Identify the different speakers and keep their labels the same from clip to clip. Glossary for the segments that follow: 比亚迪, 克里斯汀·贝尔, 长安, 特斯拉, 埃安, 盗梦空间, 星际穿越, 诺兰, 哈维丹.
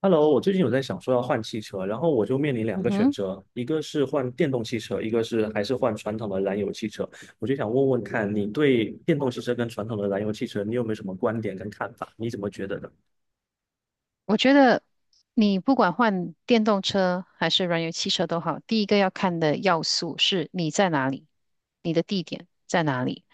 Speaker 1: Hello，我最近有在想说要换汽车，然后我就面临两
Speaker 2: 嗯
Speaker 1: 个选
Speaker 2: 哼，
Speaker 1: 择，一个是换电动汽车，一个是还是换传统的燃油汽车。我就想问问看，你对电动汽车跟传统的燃油汽车，你有没有什么观点跟看法？你怎么觉得的？
Speaker 2: 我觉得你不管换电动车还是燃油汽车都好，第一个要看的要素是你在哪里，你的地点在哪里。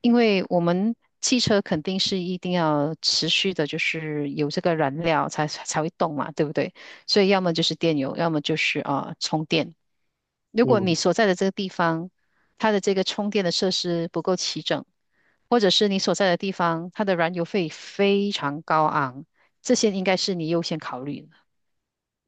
Speaker 2: 因为我们汽车肯定是一定要持续的，就是有这个燃料才会动嘛，对不对？所以要么就是电油，要么就是充电。如果
Speaker 1: 嗯
Speaker 2: 你所在的这个地方，它的这个充电的设施不够齐整，或者是你所在的地方，它的燃油费非常高昂，这些应该是你优先考虑的。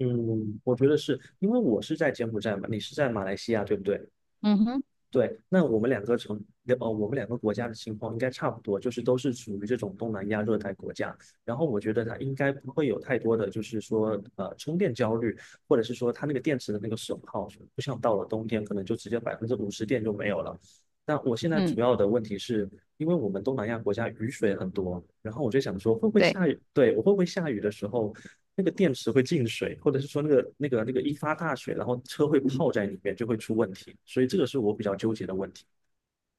Speaker 1: 嗯，我觉得是因为我是在柬埔寨嘛，你是在马来西亚，对不对？
Speaker 2: 嗯哼，
Speaker 1: 对，那我们两个城，我们两个国家的情况应该差不多，就是都是属于这种东南亚热带国家。然后我觉得它应该不会有太多的，就是说，充电焦虑，或者是说它那个电池的那个损耗，不像到了冬天，可能就直接50%电就没有了。那我现在主
Speaker 2: 嗯，
Speaker 1: 要的问题是，因为我们东南亚国家雨水很多，然后我就想说，会不会
Speaker 2: 对。
Speaker 1: 下雨？对，我会不会下雨的时候，那个电池会进水，或者是说那个一发大水，然后车会泡在里面，就会出问题。所以这个是我比较纠结的问题。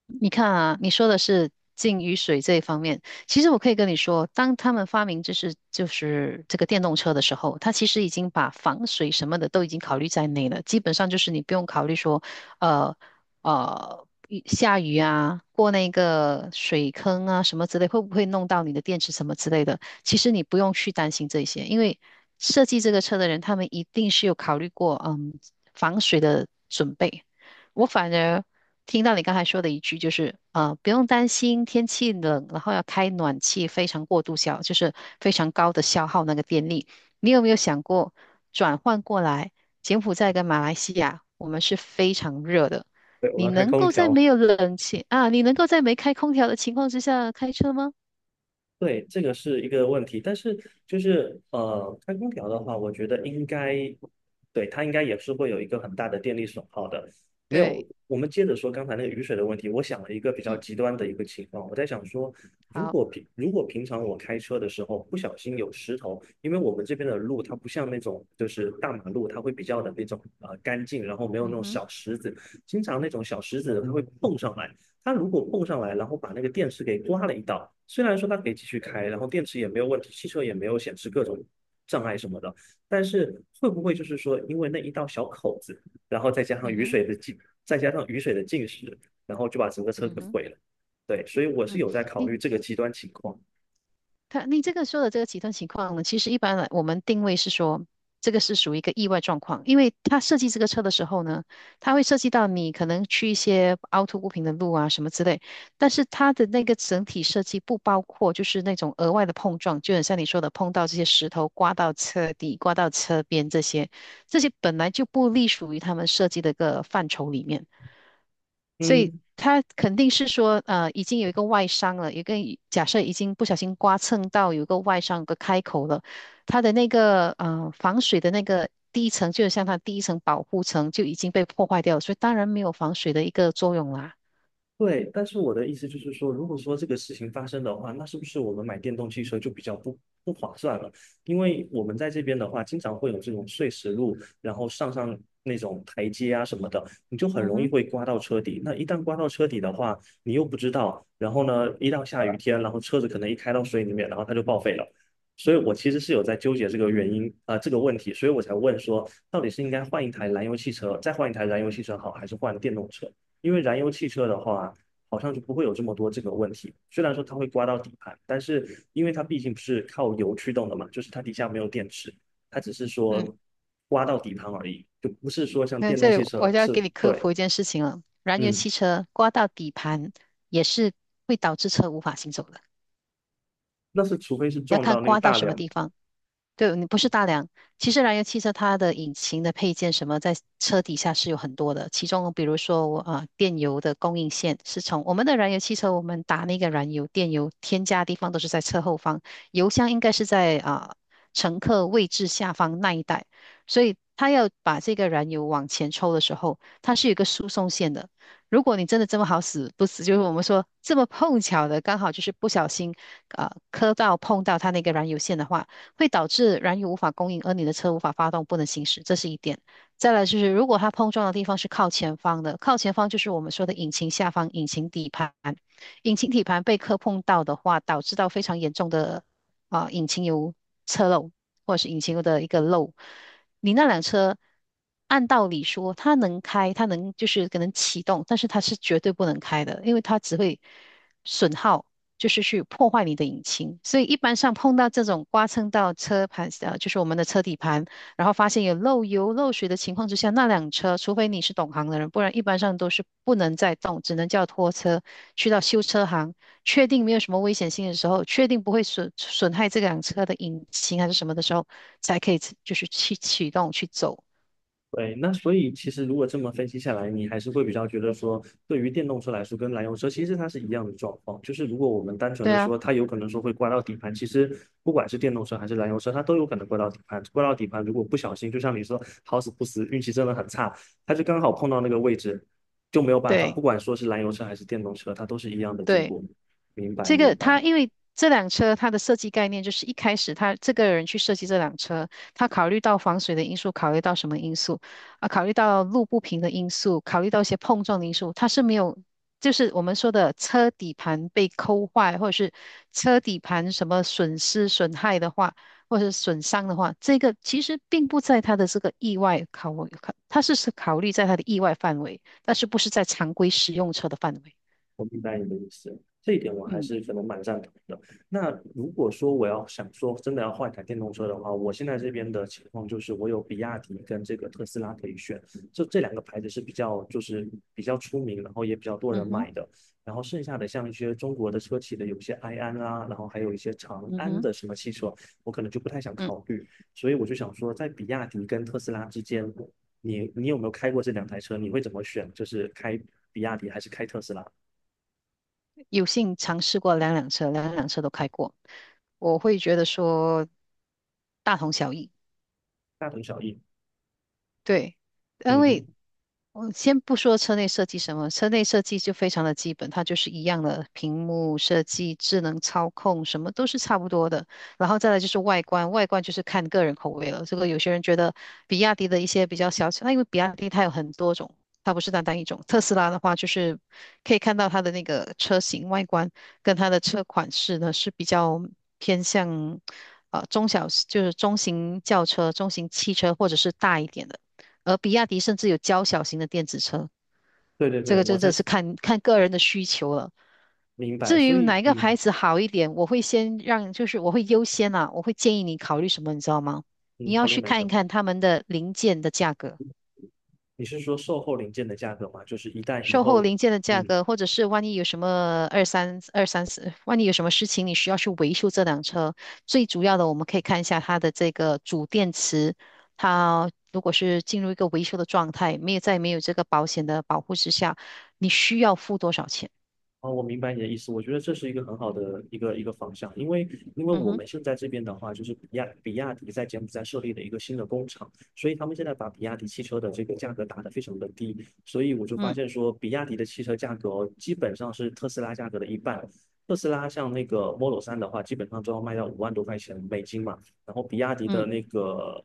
Speaker 2: 你看啊，你说的是进雨水这一方面，其实我可以跟你说，当他们发明就是这个电动车的时候，它其实已经把防水什么的都已经考虑在内了，基本上就是你不用考虑说，呃雨下雨啊，过那个水坑啊什么之类，会不会弄到你的电池什么之类的，其实你不用去担心这些，因为设计这个车的人，他们一定是有考虑过，嗯，防水的准备。我反而听到你刚才说的一句，就是不用担心天气冷，然后要开暖气，非常过度消，就是非常高的消耗那个电力。你有没有想过转换过来？柬埔寨跟马来西亚，我们是非常热的，
Speaker 1: 对，我们
Speaker 2: 你
Speaker 1: 要开
Speaker 2: 能
Speaker 1: 空
Speaker 2: 够在
Speaker 1: 调。
Speaker 2: 没有冷气啊，你能够在没开空调的情况之下开车吗？
Speaker 1: 对，这个是一个问题，但是就是开空调的话，我觉得应该，对，它应该也是会有一个很大的电力损耗的。没有，
Speaker 2: 对，
Speaker 1: 我们接着说刚才那个雨水的问题，我想了一个比较
Speaker 2: 嗯，
Speaker 1: 极端的一个情况，我在想说，
Speaker 2: 好，
Speaker 1: 如果平常我开车的时候不小心有石头，因为我们这边的路它不像那种就是大马路，它会比较的那种干净，然后没有那
Speaker 2: 嗯
Speaker 1: 种
Speaker 2: 哼，
Speaker 1: 小石子，经常那种小石子它会碰上来。它如果碰上来，然后把那个电池给刮了一道，虽然说它可以继续开，然后电池也没有问题，汽车也没有显示各种障碍什么的，但是会不会就是说，因为那一道小口子，然后
Speaker 2: 嗯哼，
Speaker 1: 再加上雨水的浸湿，然后就把整个车给
Speaker 2: 嗯哼，
Speaker 1: 毁了？对，所以我是
Speaker 2: 嗯，
Speaker 1: 有在考
Speaker 2: 你，
Speaker 1: 虑这个极端情况。
Speaker 2: 你这个说的这个极端情况呢，其实一般来我们定位是说，这个是属于一个意外状况，因为他设计这个车的时候呢，他会涉及到你可能去一些凹凸不平的路啊什么之类，但是它的那个整体设计不包括就是那种额外的碰撞，就很像你说的碰到这些石头、刮到车底、刮到车边这些，这些本来就不隶属于他们设计的一个范畴里面。所以
Speaker 1: 嗯，
Speaker 2: 他肯定是说，呃，已经有一个外伤了，有一个假设已经不小心刮蹭到有一个外伤，有个开口了，它的那个防水的那个第一层，就是像它第一层保护层就已经被破坏掉了，所以当然没有防水的一个作用啦。
Speaker 1: 对，但是我的意思就是说，如果说这个事情发生的话，那是不是我们买电动汽车就比较不划算了？因为我们在这边的话，经常会有这种碎石路，然后上那种台阶啊什么的，你就很
Speaker 2: 嗯
Speaker 1: 容易
Speaker 2: 哼，
Speaker 1: 会刮到车底。那一旦刮到车底的话，你又不知道，然后呢，一到下雨天，然后车子可能一开到水里面，然后它就报废了。所以我其实是有在纠结这个原因啊、呃这个问题，所以我才问说，到底是应该换一台燃油汽车，再换一台燃油汽车好，还是换电动车？因为燃油汽车的话，好像就不会有这么多这个问题。虽然说它会刮到底盘，但是因为它毕竟不是靠油驱动的嘛，就是它底下没有电池，它只是
Speaker 2: 嗯，
Speaker 1: 说刮到底盘而已，就不是说像
Speaker 2: 那
Speaker 1: 电动
Speaker 2: 这
Speaker 1: 汽
Speaker 2: 里我
Speaker 1: 车
Speaker 2: 就要
Speaker 1: 是
Speaker 2: 给你科
Speaker 1: 对，
Speaker 2: 普一件事情了，燃油
Speaker 1: 嗯，
Speaker 2: 汽车刮到底盘也是会导致车无法行走的，
Speaker 1: 那是除非是
Speaker 2: 要
Speaker 1: 撞
Speaker 2: 看
Speaker 1: 到那个
Speaker 2: 刮到
Speaker 1: 大
Speaker 2: 什么
Speaker 1: 梁
Speaker 2: 地方。对，你不是大梁。其实燃油汽车它的引擎的配件什么，在车底下是有很多的。其中，比如说电油的供应线是从我们的燃油汽车，我们打那个燃油、电油添加的地方都是在车后方，油箱应该是在乘客位置下方那一带。所以，它要把这个燃油往前抽的时候，它是有一个输送线的。如果你真的这么好死不死，就是我们说这么碰巧的，刚好就是不小心磕到碰到它那个燃油线的话。会导致燃油无法供应，而你的车无法发动，不能行驶，这是一点。再来就是，如果它碰撞的地方是靠前方的，靠前方就是我们说的引擎下方、引擎底盘。引擎底盘被磕碰到的话，导致到非常严重的引擎油侧漏或者是引擎油的一个漏。你那辆车按道理说它能开，它能就是可能启动，但是它是绝对不能开的，因为它只会损耗就是去破坏你的引擎。所以一般上碰到这种刮蹭到车盘，呃，就是我们的车底盘，然后发现有漏油、漏水的情况之下，那辆车，除非你是懂行的人，不然一般上都是不能再动，只能叫拖车去到修车行，确定没有什么危险性的时候，确定不会损害这辆车的引擎还是什么的时候，才可以就是去启动去走。
Speaker 1: 对，那所以其实如果这么分析下来，你还是会比较觉得说，对于电动车来说，跟燃油车其实它是一样的状况。就是如果我们单纯
Speaker 2: 对
Speaker 1: 的
Speaker 2: 啊，
Speaker 1: 说，它有可能说会刮到底盘，其实不管是电动车还是燃油车，它都有可能刮到底盘。刮到底盘，如果不小心，就像你说，好死不死，运气真的很差，它就刚好碰到那个位置，就没有办法。不
Speaker 2: 对。
Speaker 1: 管说是燃油车还是电动车，它都是一样的结
Speaker 2: 对，
Speaker 1: 果。明白，
Speaker 2: 这
Speaker 1: 明
Speaker 2: 个
Speaker 1: 白。
Speaker 2: 他因为这辆车它的设计概念就是一开始他这个人去设计这辆车，他考虑到防水的因素，考虑到什么因素啊？考虑到路不平的因素，考虑到一些碰撞的因素，他是没有，就是我们说的车底盘被抠坏，或者是车底盘什么损失损害的话，或者是损伤的话，这个其实并不在他的这个意外考虑在他的意外范围，但是不是在常规使用车的范围。
Speaker 1: 我明白你的意思，这一点我还
Speaker 2: 嗯，
Speaker 1: 是可能蛮赞同的。那如果说我要想说真的要换一台电动车的话，我现在这边的情况就是我有比亚迪跟这个特斯拉可以选，就这两个牌子是比较出名，然后也比较多
Speaker 2: 嗯
Speaker 1: 人
Speaker 2: 哼，
Speaker 1: 买的。然后剩下的像一些中国的车企的有些埃安啊，然后还有一些长
Speaker 2: 嗯
Speaker 1: 安
Speaker 2: 哼。
Speaker 1: 的什么汽车，我可能就不太想
Speaker 2: 嗯，
Speaker 1: 考虑。所以我就想说，在比亚迪跟特斯拉之间，你有没有开过这两台车？你会怎么选？就是开比亚迪还是开特斯拉？
Speaker 2: 有幸尝试过两辆车，两辆车都开过，我会觉得说大同小异。
Speaker 1: 大同小异。
Speaker 2: 对，因
Speaker 1: 嗯
Speaker 2: 为
Speaker 1: 哼，
Speaker 2: 我先不说车内设计什么，车内设计就非常的基本，它就是一样的屏幕设计、智能操控，什么都是差不多的。然后再来就是外观，外观就是看个人口味了。这个有些人觉得比亚迪的一些比较小巧，那因为比亚迪它有很多种，它不是单单一种。特斯拉的话，就是可以看到它的那个车型外观跟它的车款式呢是比较偏向中小，就是中型轿车、中型汽车或者是大一点的。而比亚迪甚至有较小型的电子车，
Speaker 1: 对对
Speaker 2: 这
Speaker 1: 对，
Speaker 2: 个
Speaker 1: 我
Speaker 2: 真
Speaker 1: 在
Speaker 2: 的是看个人的需求了。
Speaker 1: 明白。
Speaker 2: 至于
Speaker 1: 所
Speaker 2: 哪
Speaker 1: 以，
Speaker 2: 一个
Speaker 1: 嗯
Speaker 2: 牌子好一点，我会先让，就是我会优先，我会建议你考虑什么，你知道吗？你
Speaker 1: 嗯，
Speaker 2: 要
Speaker 1: 考虑
Speaker 2: 去
Speaker 1: 哪
Speaker 2: 看一
Speaker 1: 个？
Speaker 2: 看他们的零件的价格。
Speaker 1: 你是说售后零件的价格吗？就是一旦以
Speaker 2: 售后
Speaker 1: 后，
Speaker 2: 零件的价
Speaker 1: 嗯，
Speaker 2: 格，或者是万一有什么二三二三四，万一有什么事情你需要去维修这辆车，最主要的我们可以看一下它的这个主电池，它如果是进入一个维修的状态，没有在没有这个保险的保护之下，你需要付多少钱？
Speaker 1: 哦，我明白你的意思。我觉得这是一个很好的一个方向，因为因为
Speaker 2: 嗯
Speaker 1: 我
Speaker 2: 哼，
Speaker 1: 们现在这边的话，就是比亚迪在柬埔寨设立的一个新的工厂，所以他们现在把比亚迪汽车的这个价格打得非常的低，所以我就发
Speaker 2: 嗯，
Speaker 1: 现说，比亚迪的汽车价格哦，基本上是特斯拉价格的一半。特斯拉像那个 Model 3的话，基本上都要卖到5万多块钱美金嘛，然后比亚迪的
Speaker 2: 嗯，
Speaker 1: 那个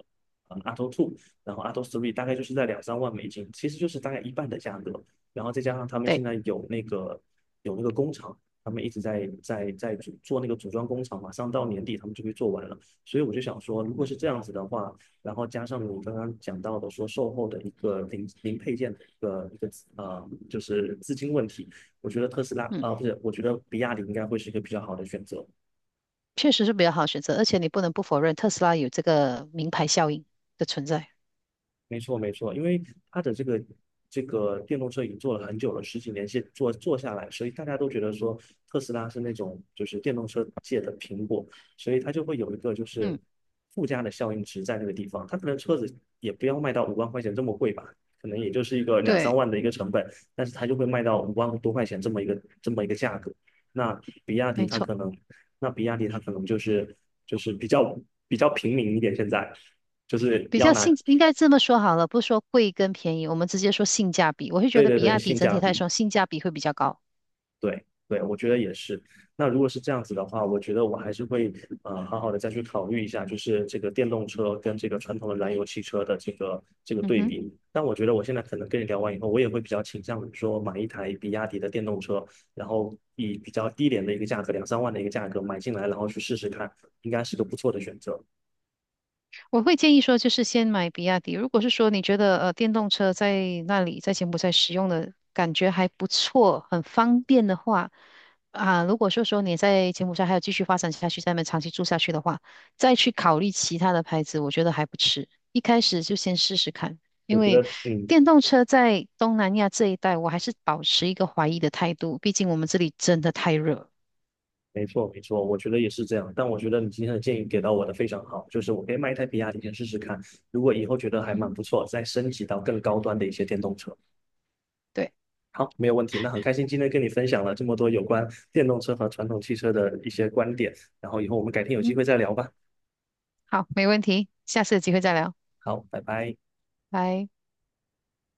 Speaker 1: Auto 2，然后 Auto 3 大概就是在2、3万美金，其实就是大概一半的价格。然后再加上他们现
Speaker 2: 对，
Speaker 1: 在有那个有那个工厂，他们一直在那个组装工厂，马上到年底他们就会做完了。所以我就想说，如果
Speaker 2: 嗯，
Speaker 1: 是这样子的话，然后加上你刚刚讲到的说售后的一个零零配件的一个一个呃，就是资金问题，我觉得特斯拉
Speaker 2: 嗯，
Speaker 1: 啊、呃不是，我觉得比亚迪应该会是一个比较好的选择。
Speaker 2: 确实是比较好的选择，而且你不能不否认特斯拉有这个名牌效应的存在。
Speaker 1: 没错，没错，因为它的这个电动车已经做了很久了，10几年先做做下来，所以大家都觉得说特斯拉是那种就是电动车界的苹果，所以它就会有一个就是
Speaker 2: 嗯，
Speaker 1: 附加的效应值在那个地方。它可能车子也不要卖到5万块钱这么贵吧，可能也就是一个两三
Speaker 2: 对，
Speaker 1: 万的一个成本，但是它就会卖到五万多块钱这么一个价格。那比亚迪
Speaker 2: 没
Speaker 1: 它
Speaker 2: 错。
Speaker 1: 可能，那比亚迪它可能就是比较平民一点，现在就是
Speaker 2: 比
Speaker 1: 要
Speaker 2: 较
Speaker 1: 拿
Speaker 2: 性，应该这么说好了，不说贵跟便宜，我们直接说性价比。我会觉
Speaker 1: 对
Speaker 2: 得
Speaker 1: 对
Speaker 2: 比
Speaker 1: 对，
Speaker 2: 亚迪
Speaker 1: 性
Speaker 2: 整
Speaker 1: 价
Speaker 2: 体来
Speaker 1: 比，
Speaker 2: 说性价比会比较高。
Speaker 1: 对对，我觉得也是。那如果是这样子的话，我觉得我还是会好好的再去考虑一下，就是这个电动车跟这个传统的燃油汽车的这个
Speaker 2: 嗯
Speaker 1: 对
Speaker 2: 哼。
Speaker 1: 比。但我觉得我现在可能跟你聊完以后，我也会比较倾向于说买一台比亚迪的电动车，然后以比较低廉的一个价格，两三万的一个价格买进来，然后去试试看，应该是个不错的选择。
Speaker 2: 我会建议说，就是先买比亚迪。如果是说你觉得电动车在那里在柬埔寨使用的感觉还不错，很方便的话，如果说你在柬埔寨还有继续发展下去，在那边长期住下去的话，再去考虑其他的牌子，我觉得还不迟。一开始就先试试看，
Speaker 1: 我
Speaker 2: 因
Speaker 1: 觉
Speaker 2: 为
Speaker 1: 得，嗯，
Speaker 2: 电动车在东南亚这一带，我还是保持一个怀疑的态度，毕竟我们这里真的太热。
Speaker 1: 没错，没错，我觉得也是这样。但我觉得你今天的建议给到我的非常好，就是我可以买一台比亚迪先试试看，如果以后觉得还
Speaker 2: 嗯
Speaker 1: 蛮
Speaker 2: 哼，
Speaker 1: 不错，再升级到更高端的一些电动车。
Speaker 2: 对，
Speaker 1: 好，没有问题。那很开心今天跟你分享了这么多有关电动车和传统汽车的一些观点，然后以后我们改天有机
Speaker 2: 嗯，
Speaker 1: 会再聊吧。
Speaker 2: 好，没问题，下次有机会再聊，
Speaker 1: 好，拜拜。
Speaker 2: 拜。